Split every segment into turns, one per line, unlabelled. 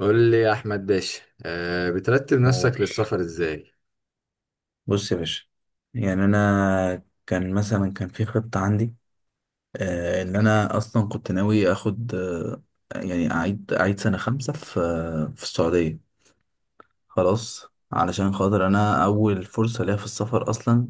قول لي يا احمد باشا، بترتب
قول.
نفسك للسفر ازاي؟
بص يا باشا، يعني انا كان في خطة عندي، ان انا اصلا كنت ناوي اخد، يعني اعيد سنة 5 في السعودية. خلاص، علشان خاطر انا اول فرصة ليا في السفر اصلا،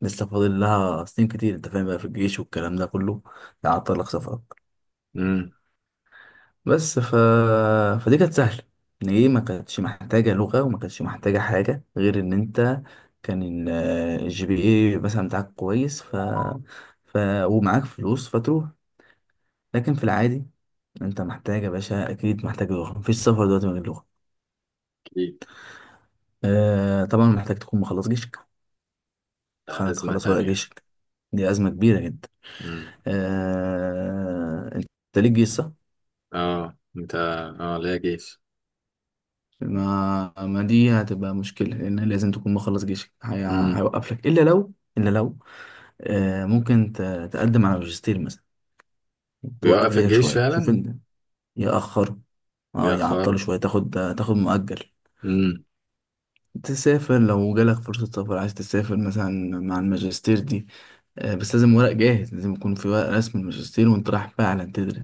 لسه فاضل لها سنين كتير. انت فاهم بقى، في الجيش والكلام ده كله، ده عطلك سفر.
امم.
بس فدي كانت سهلة، ان ايه، ما كانتش محتاجة لغة وما كانتش محتاجة حاجة غير ان انت كان الجي بي اي مثلا بتاعك كويس، ف... ومعاك فلوس فتروح. لكن في العادي، انت محتاج يا باشا، اكيد محتاج لغة، مفيش سفر دلوقتي من غير لغة.
اكيد.
طبعا محتاج تكون مخلص جيشك،
ازمه
تخلص
تانية
ورق
يعني.
جيشك. دي أزمة كبيرة جدا.
امم.
انت ليك جيش صح؟
اه انت اه ليا جيش.
ما دي هتبقى مشكلة، لأن لازم تكون مخلص جيشك.
امم.
هيوقف لك، إلا لو ممكن تقدم على ماجستير مثلا، توقف
بيوقف
جيشك
الجيش
شوية، شوف
فعلا.
أنت. يأخر. يعطله
بيأخره.
شوية، تاخد مؤجل،
امم.
تسافر لو جالك فرصة سفر، عايز تسافر مثلا مع الماجستير دي. بس لازم ورق جاهز، لازم يكون في ورق رسم الماجستير وأنت رايح فعلا تدرس.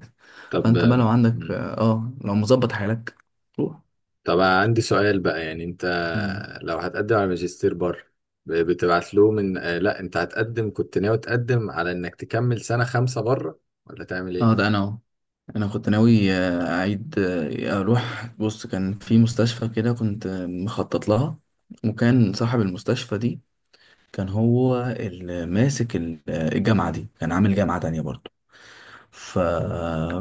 طب.
فأنت بقى لو عندك،
امم.
لو مظبط حالك، روح.
طب عندي سؤال بقى، يعني انت
مم.
لو هتقدم على ماجستير بره، ب- بتبعت له من آه لا انت هتقدم، كنت ناوي تقدم على انك تكمل سنه 5 بره ولا تعمل
اه ده
ايه؟
انا أهو. انا كنت ناوي اعيد اروح، بص كان في مستشفى كده، كنت مخطط لها. وكان صاحب المستشفى دي كان هو اللي ماسك الجامعة دي، كان عامل جامعة تانية برضو. ف...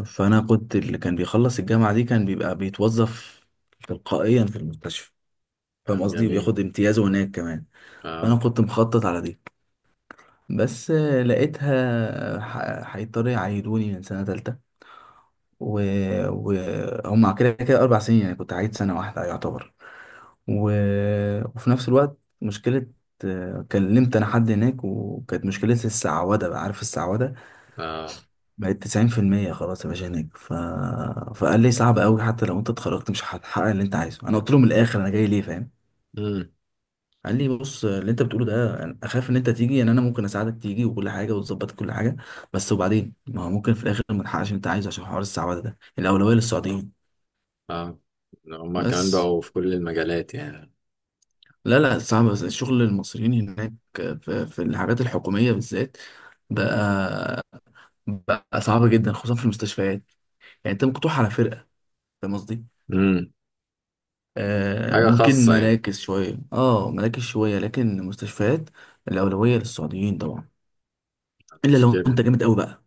فانا كنت، اللي كان بيخلص الجامعة دي كان بيبقى بيتوظف تلقائيا في المستشفى،
يا
فاهم
عم
قصدي،
جميل.
وبياخد امتيازه هناك كمان. فانا
اه.
كنت مخطط على دي. بس لقيتها، هيضطروا يعيدوني من سنة تالتة. و... وهم كده كده 4 سنين يعني، كنت عايد سنة واحدة يعتبر. و... وفي نفس الوقت مشكلة. كلمت أنا حد هناك، وكانت مشكلة السعودة، بقى عارف السعودة،
اه.
بقت 90% خلاص يا باشا هناك. فقال لي صعب أوي، حتى لو أنت اتخرجت مش هتحقق اللي أنت عايزه. أنا قلت له من الآخر، أنا جاي ليه فاهم.
مم.
قال لي بص، اللي أنت بتقوله ده أنا أخاف إن أنت تيجي، يعني أنا ممكن أساعدك تيجي وكل حاجة وتظبط كل حاجة، بس وبعدين ما هو ممكن في الآخر ما تحققش اللي أنت عايزه عشان حوار السعودة ده، الأولوية للسعوديين.
اه هما كمان
بس.
بقوا في كل المجالات يعني.
لا لا صعب، بس الشغل المصريين هناك في الحاجات الحكومية بالذات، بقى بقى صعب جدا، خصوصا في المستشفيات. يعني انت مقطوع على فرقة، فاهم قصدي؟
امم. حاجة
ممكن
خاصة يعني.
مراكز شوية، لكن المستشفيات الأولوية للسعوديين طبعا، إلا
مش
لو انت
كده.
جامد قوي بقى.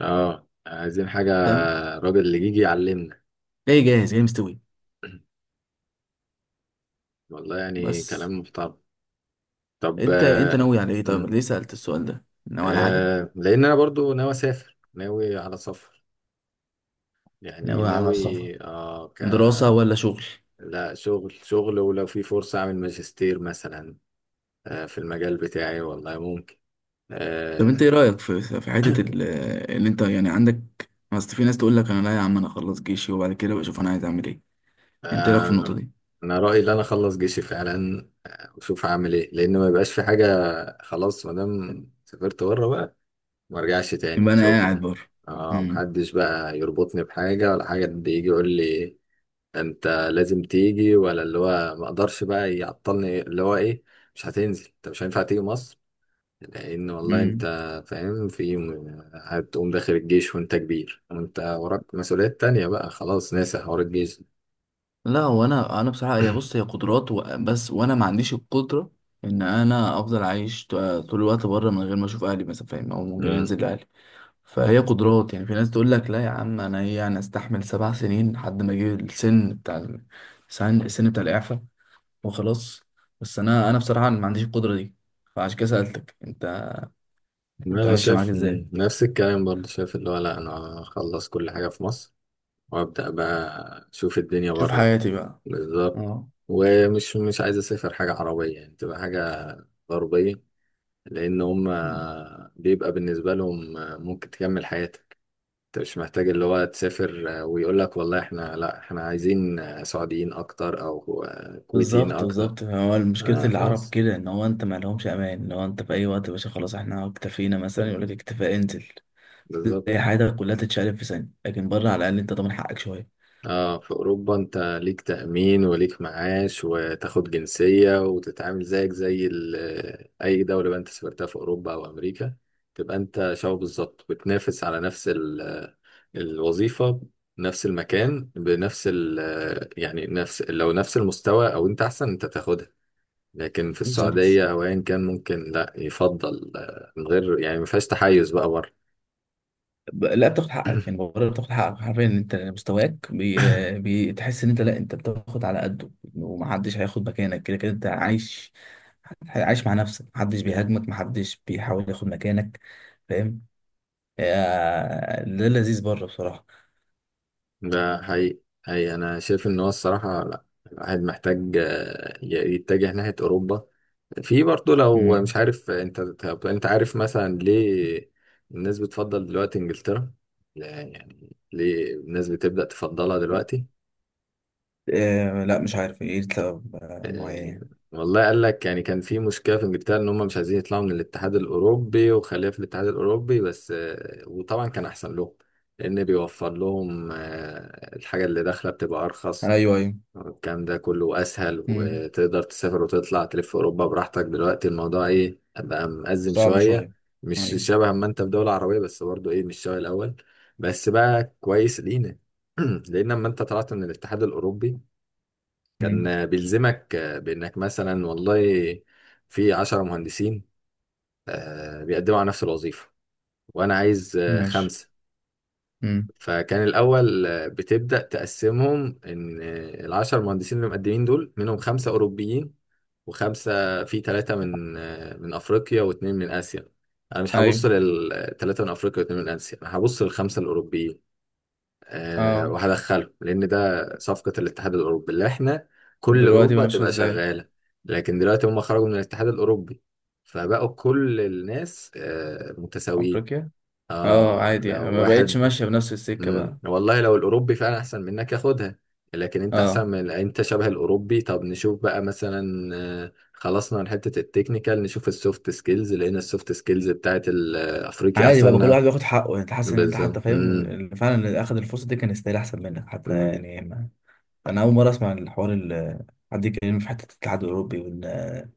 اه، عايزين حاجة.
فاهم؟
راجل اللي يجي يعلمنا.
جاي جاهز، جاي مستوي.
والله يعني
بس
كلام محترم. طب.
انت ناوي على ايه؟ طيب
مم.
ليه سألت السؤال ده؟ ناوي على حاجة؟
لأن أنا برضو ناوي أسافر، ناوي على سفر، يعني
ناوي على
ناوي.
سفر،
اه،
دراسة ولا شغل؟
لا، شغل شغل، ولو في فرصة أعمل ماجستير مثلا في المجال بتاعي، والله ممكن.
طب انت ايه
آه.
رأيك في حتة اللي انت يعني عندك، اصل في ناس تقول لك انا لا يا عم، انا اخلص جيشي وبعد كده بشوف انا عايز اعمل ايه. انت ايه رأيك في النقطة
آه.
دي؟
انا رايي ان انا اخلص جيشي فعلا، واشوف هعمل ايه، لان ما يبقاش في حاجه. خلاص، ما دام سافرت بره بقى، ما ارجعش تاني،
يبقى انا قاعد
شكرا.
بره.
اه،
امم.
محدش بقى يربطني بحاجه ولا حاجه، حد يجي يقول لي انت لازم تيجي، ولا اللي هو ما اقدرش بقى، يعطلني اللي هو ايه، مش هتنزل انت، مش هينفع تيجي مصر. لان والله انت
امم.
فاهم، في يوم هتقوم داخل الجيش وانت كبير، وانت وراك مسؤوليات تانية، بقى خلاص ناسي حوار الجيش.
لا هو انا بصراحة هي، بص هي قدرات، بس وانا ما عنديش القدرة ان انا افضل عايش، طول الوقت بره من غير ما اشوف اهلي مثلا، فاهم، او من غير انزل لاهلي. فهي قدرات، يعني في ناس تقول لك لا يا عم انا، انا استحمل 7 سنين لحد ما اجي السن بتاع، السن بتاع الإعفاء وخلاص. بس انا بصراحه ما عنديش القدره دي، فعشان كده سالتك انت، انت
انا
ماشيه معاك
شايف،
ازاي؟
نفس الكلام برضه، شايف اللي هو لا، انا اخلص كل حاجه في مصر وابدا بقى اشوف الدنيا
شوف
بره.
حياتي بقى.
بالظبط.
اه.
ومش مش عايز اسافر حاجه عربيه، يعني تبقى حاجه غربيه، لان هم بيبقى بالنسبه لهم ممكن تكمل حياتك. انت مش محتاج اللي هو تسافر ويقول لك والله احنا، لا احنا عايزين سعوديين اكتر او كويتيين
بالظبط
اكتر.
بالظبط، هو مشكله العرب
خلاص.
كده، ان هو انت ما لهمش امان، ان هو انت في اي وقت يا باشا، خلاص احنا اكتفينا مثلا، يقول لك
مم،
اكتفاء انزل.
بالظبط.
تلاقي حياتك كلها تتشقلب في ثانيه، لكن بره على الاقل انت ضامن حقك شويه.
اه، في اوروبا انت ليك تأمين وليك معاش وتاخد جنسية وتتعامل زيك زي اي دولة بقى انت سافرتها في اوروبا او امريكا، تبقى انت شبه بالظبط، بتنافس على نفس الوظيفة، نفس المكان بنفس ال آه، يعني نفس لو نفس المستوى، او انت احسن انت تاخدها. لكن في
بالظبط،
السعودية او ايا كان، ممكن لا يفضل، من غير يعني ما فيهاش تحيز بقى بره.
لا بتاخد حقك يعني، بره بتاخد حقك حرفيا، انت مستواك بتحس ان انت، لا انت بتاخد على قده، ومحدش هياخد مكانك، كده كده انت عايش، مع نفسك، محدش بيهاجمك، محدش بيحاول ياخد مكانك، فاهم. ده لذيذ بره بصراحة.
ده حقيقي حقيقي، أنا شايف إن هو الصراحة، لأ الواحد محتاج، يتجه ناحية أوروبا. في برضه لو مش
مم.
عارف أنت، طب أنت عارف مثلا ليه الناس بتفضل دلوقتي إنجلترا؟ لا، يعني ليه الناس بتبدأ تفضلها دلوقتي؟
لا مش عارف ايه لسبب
آه،
معين.
والله قال لك، يعني كان في مشكلة في إنجلترا إن هم مش عايزين يطلعوا من الاتحاد الأوروبي، وخليها في الاتحاد الأوروبي بس، وطبعا كان أحسن لهم، لأن بيوفر لهم الحاجة اللي داخلة بتبقى أرخص،
يعني ايوه، ايوه.
الكلام ده كله اسهل،
مم.
وتقدر تسافر وتطلع تلف في اوروبا براحتك. دلوقتي الموضوع ايه بقى، مأزم
صعب
شويه،
شوية.
مش
ايوه.
شبه ما انت في دوله عربيه، بس برضو ايه، مش شبه الاول، بس بقى كويس لينا. لان لما انت طلعت من الاتحاد الاوروبي،
مم.
كان بيلزمك، بانك مثلا والله في 10 مهندسين بيقدموا على نفس الوظيفه، وانا عايز
ماشي.
خمسه.
مم.
فكان الأول بتبدأ تقسمهم، إن ال10 مهندسين اللي مقدمين دول، منهم خمسة أوروبيين وخمسة في ثلاثة من أفريقيا واتنين من آسيا، أنا مش هبص
ايوه.
للثلاثة من أفريقيا واتنين من آسيا، أنا هبص للخمسة الأوروبيين.
اه.
وهدخلهم، لأن ده صفقة الاتحاد الأوروبي، اللي إحنا كل
دلوقتي بقى
أوروبا
ماشية
تبقى
ازاي؟
شغالة. لكن دلوقتي هم خرجوا من الاتحاد الأوروبي، فبقوا كل الناس متساويين.
افريقيا. اه
اه،
عادي يعني،
لو
ما بقتش
واحد.
ماشية بنفس السكة بقى.
والله لو الاوروبي فعلا احسن منك، ياخدها، لكن انت احسن
اه
من، انت شبه الاوروبي، طب نشوف بقى مثلا، خلصنا من حته التكنيكال، نشوف السوفت سكيلز، لان السوفت سكيلز بتاعت الافريقي
عادي بقى، كل
احسن.
واحد بياخد حقه يعني، انت حاسس ان انت
بالظبط.
حتى فاهم اللي فعلا، اخد الفرصة دي كان يستاهل احسن منك حتى
امم.
يعني. انا اول مره اسمع الحوار، اللي حد يتكلم في حته الاتحاد الاوروبي، وان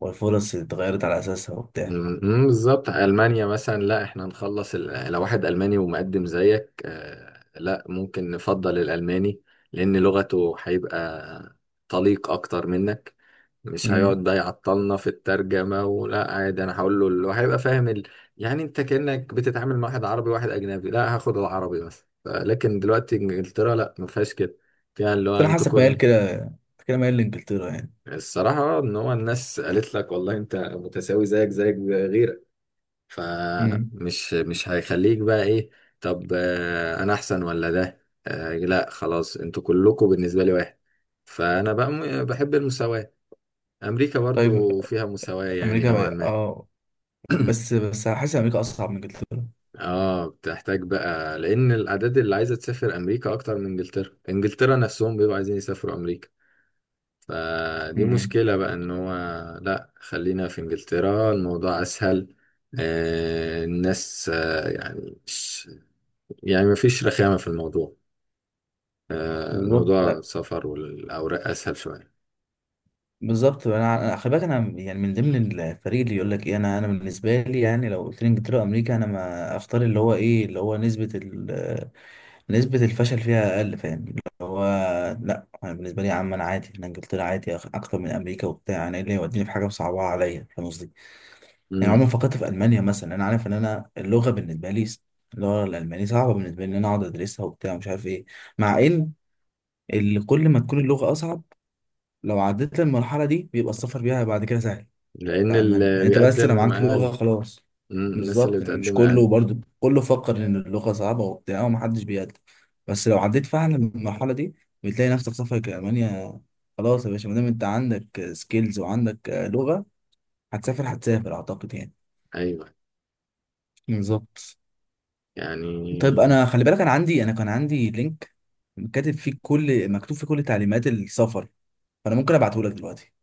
والفرص اتغيرت على اساسها وبتاع.
بالظبط، ألمانيا مثلا، لا احنا نخلص لو واحد ألماني ومقدم زيك، لا ممكن نفضل الألماني، لأن لغته هيبقى طليق أكتر منك، مش
امم.
هيقعد بقى يعطلنا في الترجمة، ولا عادي أنا هقول له اللي هيبقى فاهم يعني أنت كأنك بتتعامل مع واحد عربي وواحد أجنبي، لا هاخد العربي مثلا، لكن دلوقتي إنجلترا لا ما فيهاش كده، فيها اللي
بس
هو
انا
أنتوا
حاسك ميال
كل
كده، أنت كده ميال لانجلترا يعني.
الصراحة، إن هو الناس قالت لك والله أنت متساوي، زيك زيك غيرك،
امم.
فمش مش هيخليك بقى ايه، طب، انا احسن ولا ده، لا خلاص، انتوا كلكم بالنسبه لي واحد، فانا بقى بحب المساواه. امريكا
طيب.
برضو فيها مساواه يعني
امريكا
نوعا
بقى.
ما.
اه. بس حاسس امريكا اصعب من انجلترا.
اه، بتحتاج بقى، لان الاعداد اللي عايزه تسافر امريكا اكتر من انجلترا، انجلترا نفسهم بيبقوا عايزين يسافروا امريكا، فدي
امم.
مشكله بقى، ان هو لا، خلينا في انجلترا الموضوع اسهل. الناس يعني، يعني مفيش رخامة في الموضوع،
بالظبط،
موضوع
لا،
السفر والأوراق أسهل شوية.
بالظبط انا، خلي بالك انا يعني من ضمن الفريق اللي يقول لك ايه، انا، بالنسبه لي يعني لو قلت لي انجلترا وامريكا، انا ما اختار اللي هو ايه، اللي هو نسبه، نسبة الفشل فيها أقل، فاهم اللي هو. لأ أنا بالنسبة لي يا عم، أنا عادي، أنا إنجلترا عادي أكتر من أمريكا وبتاع، أنا إيه اللي يوديني في حاجة مصعبة عليا، فاهم قصدي؟ يعني
مم.
عمري ما فكرت في ألمانيا مثلا، أنا عارف إن أنا اللغة بالنسبة لي اللغة الألمانية صعبة بالنسبة لي، إن أنا أقعد أدرسها وبتاع ومش عارف إيه. مع إن كل ما تكون اللغة أصعب، لو عديت المرحلة دي بيبقى السفر بيها بعد كده سهل.
لأن
بتاع المانيا
اللي
يعني، انت بس لو
بيقدم
معاك لغه
أقل.
خلاص.
مم. الناس اللي
بالظبط، يعني مش
بتقدم أقل.
كله، برضو كله فكر ان اللغه صعبه وبتاع ومحدش بيقدر. بس لو عديت فعلا المرحله دي بتلاقي نفسك سافرك المانيا. خلاص يا باشا، ما دام انت عندك سكيلز وعندك لغه، هتسافر، اعتقد يعني.
أيوة،
بالظبط. طيب
يعني.
انا خلي بالك، انا عندي انا كان عندي لينك، كاتب فيه كل مكتوب فيه كل تعليمات السفر، فانا ممكن ابعته لك دلوقتي.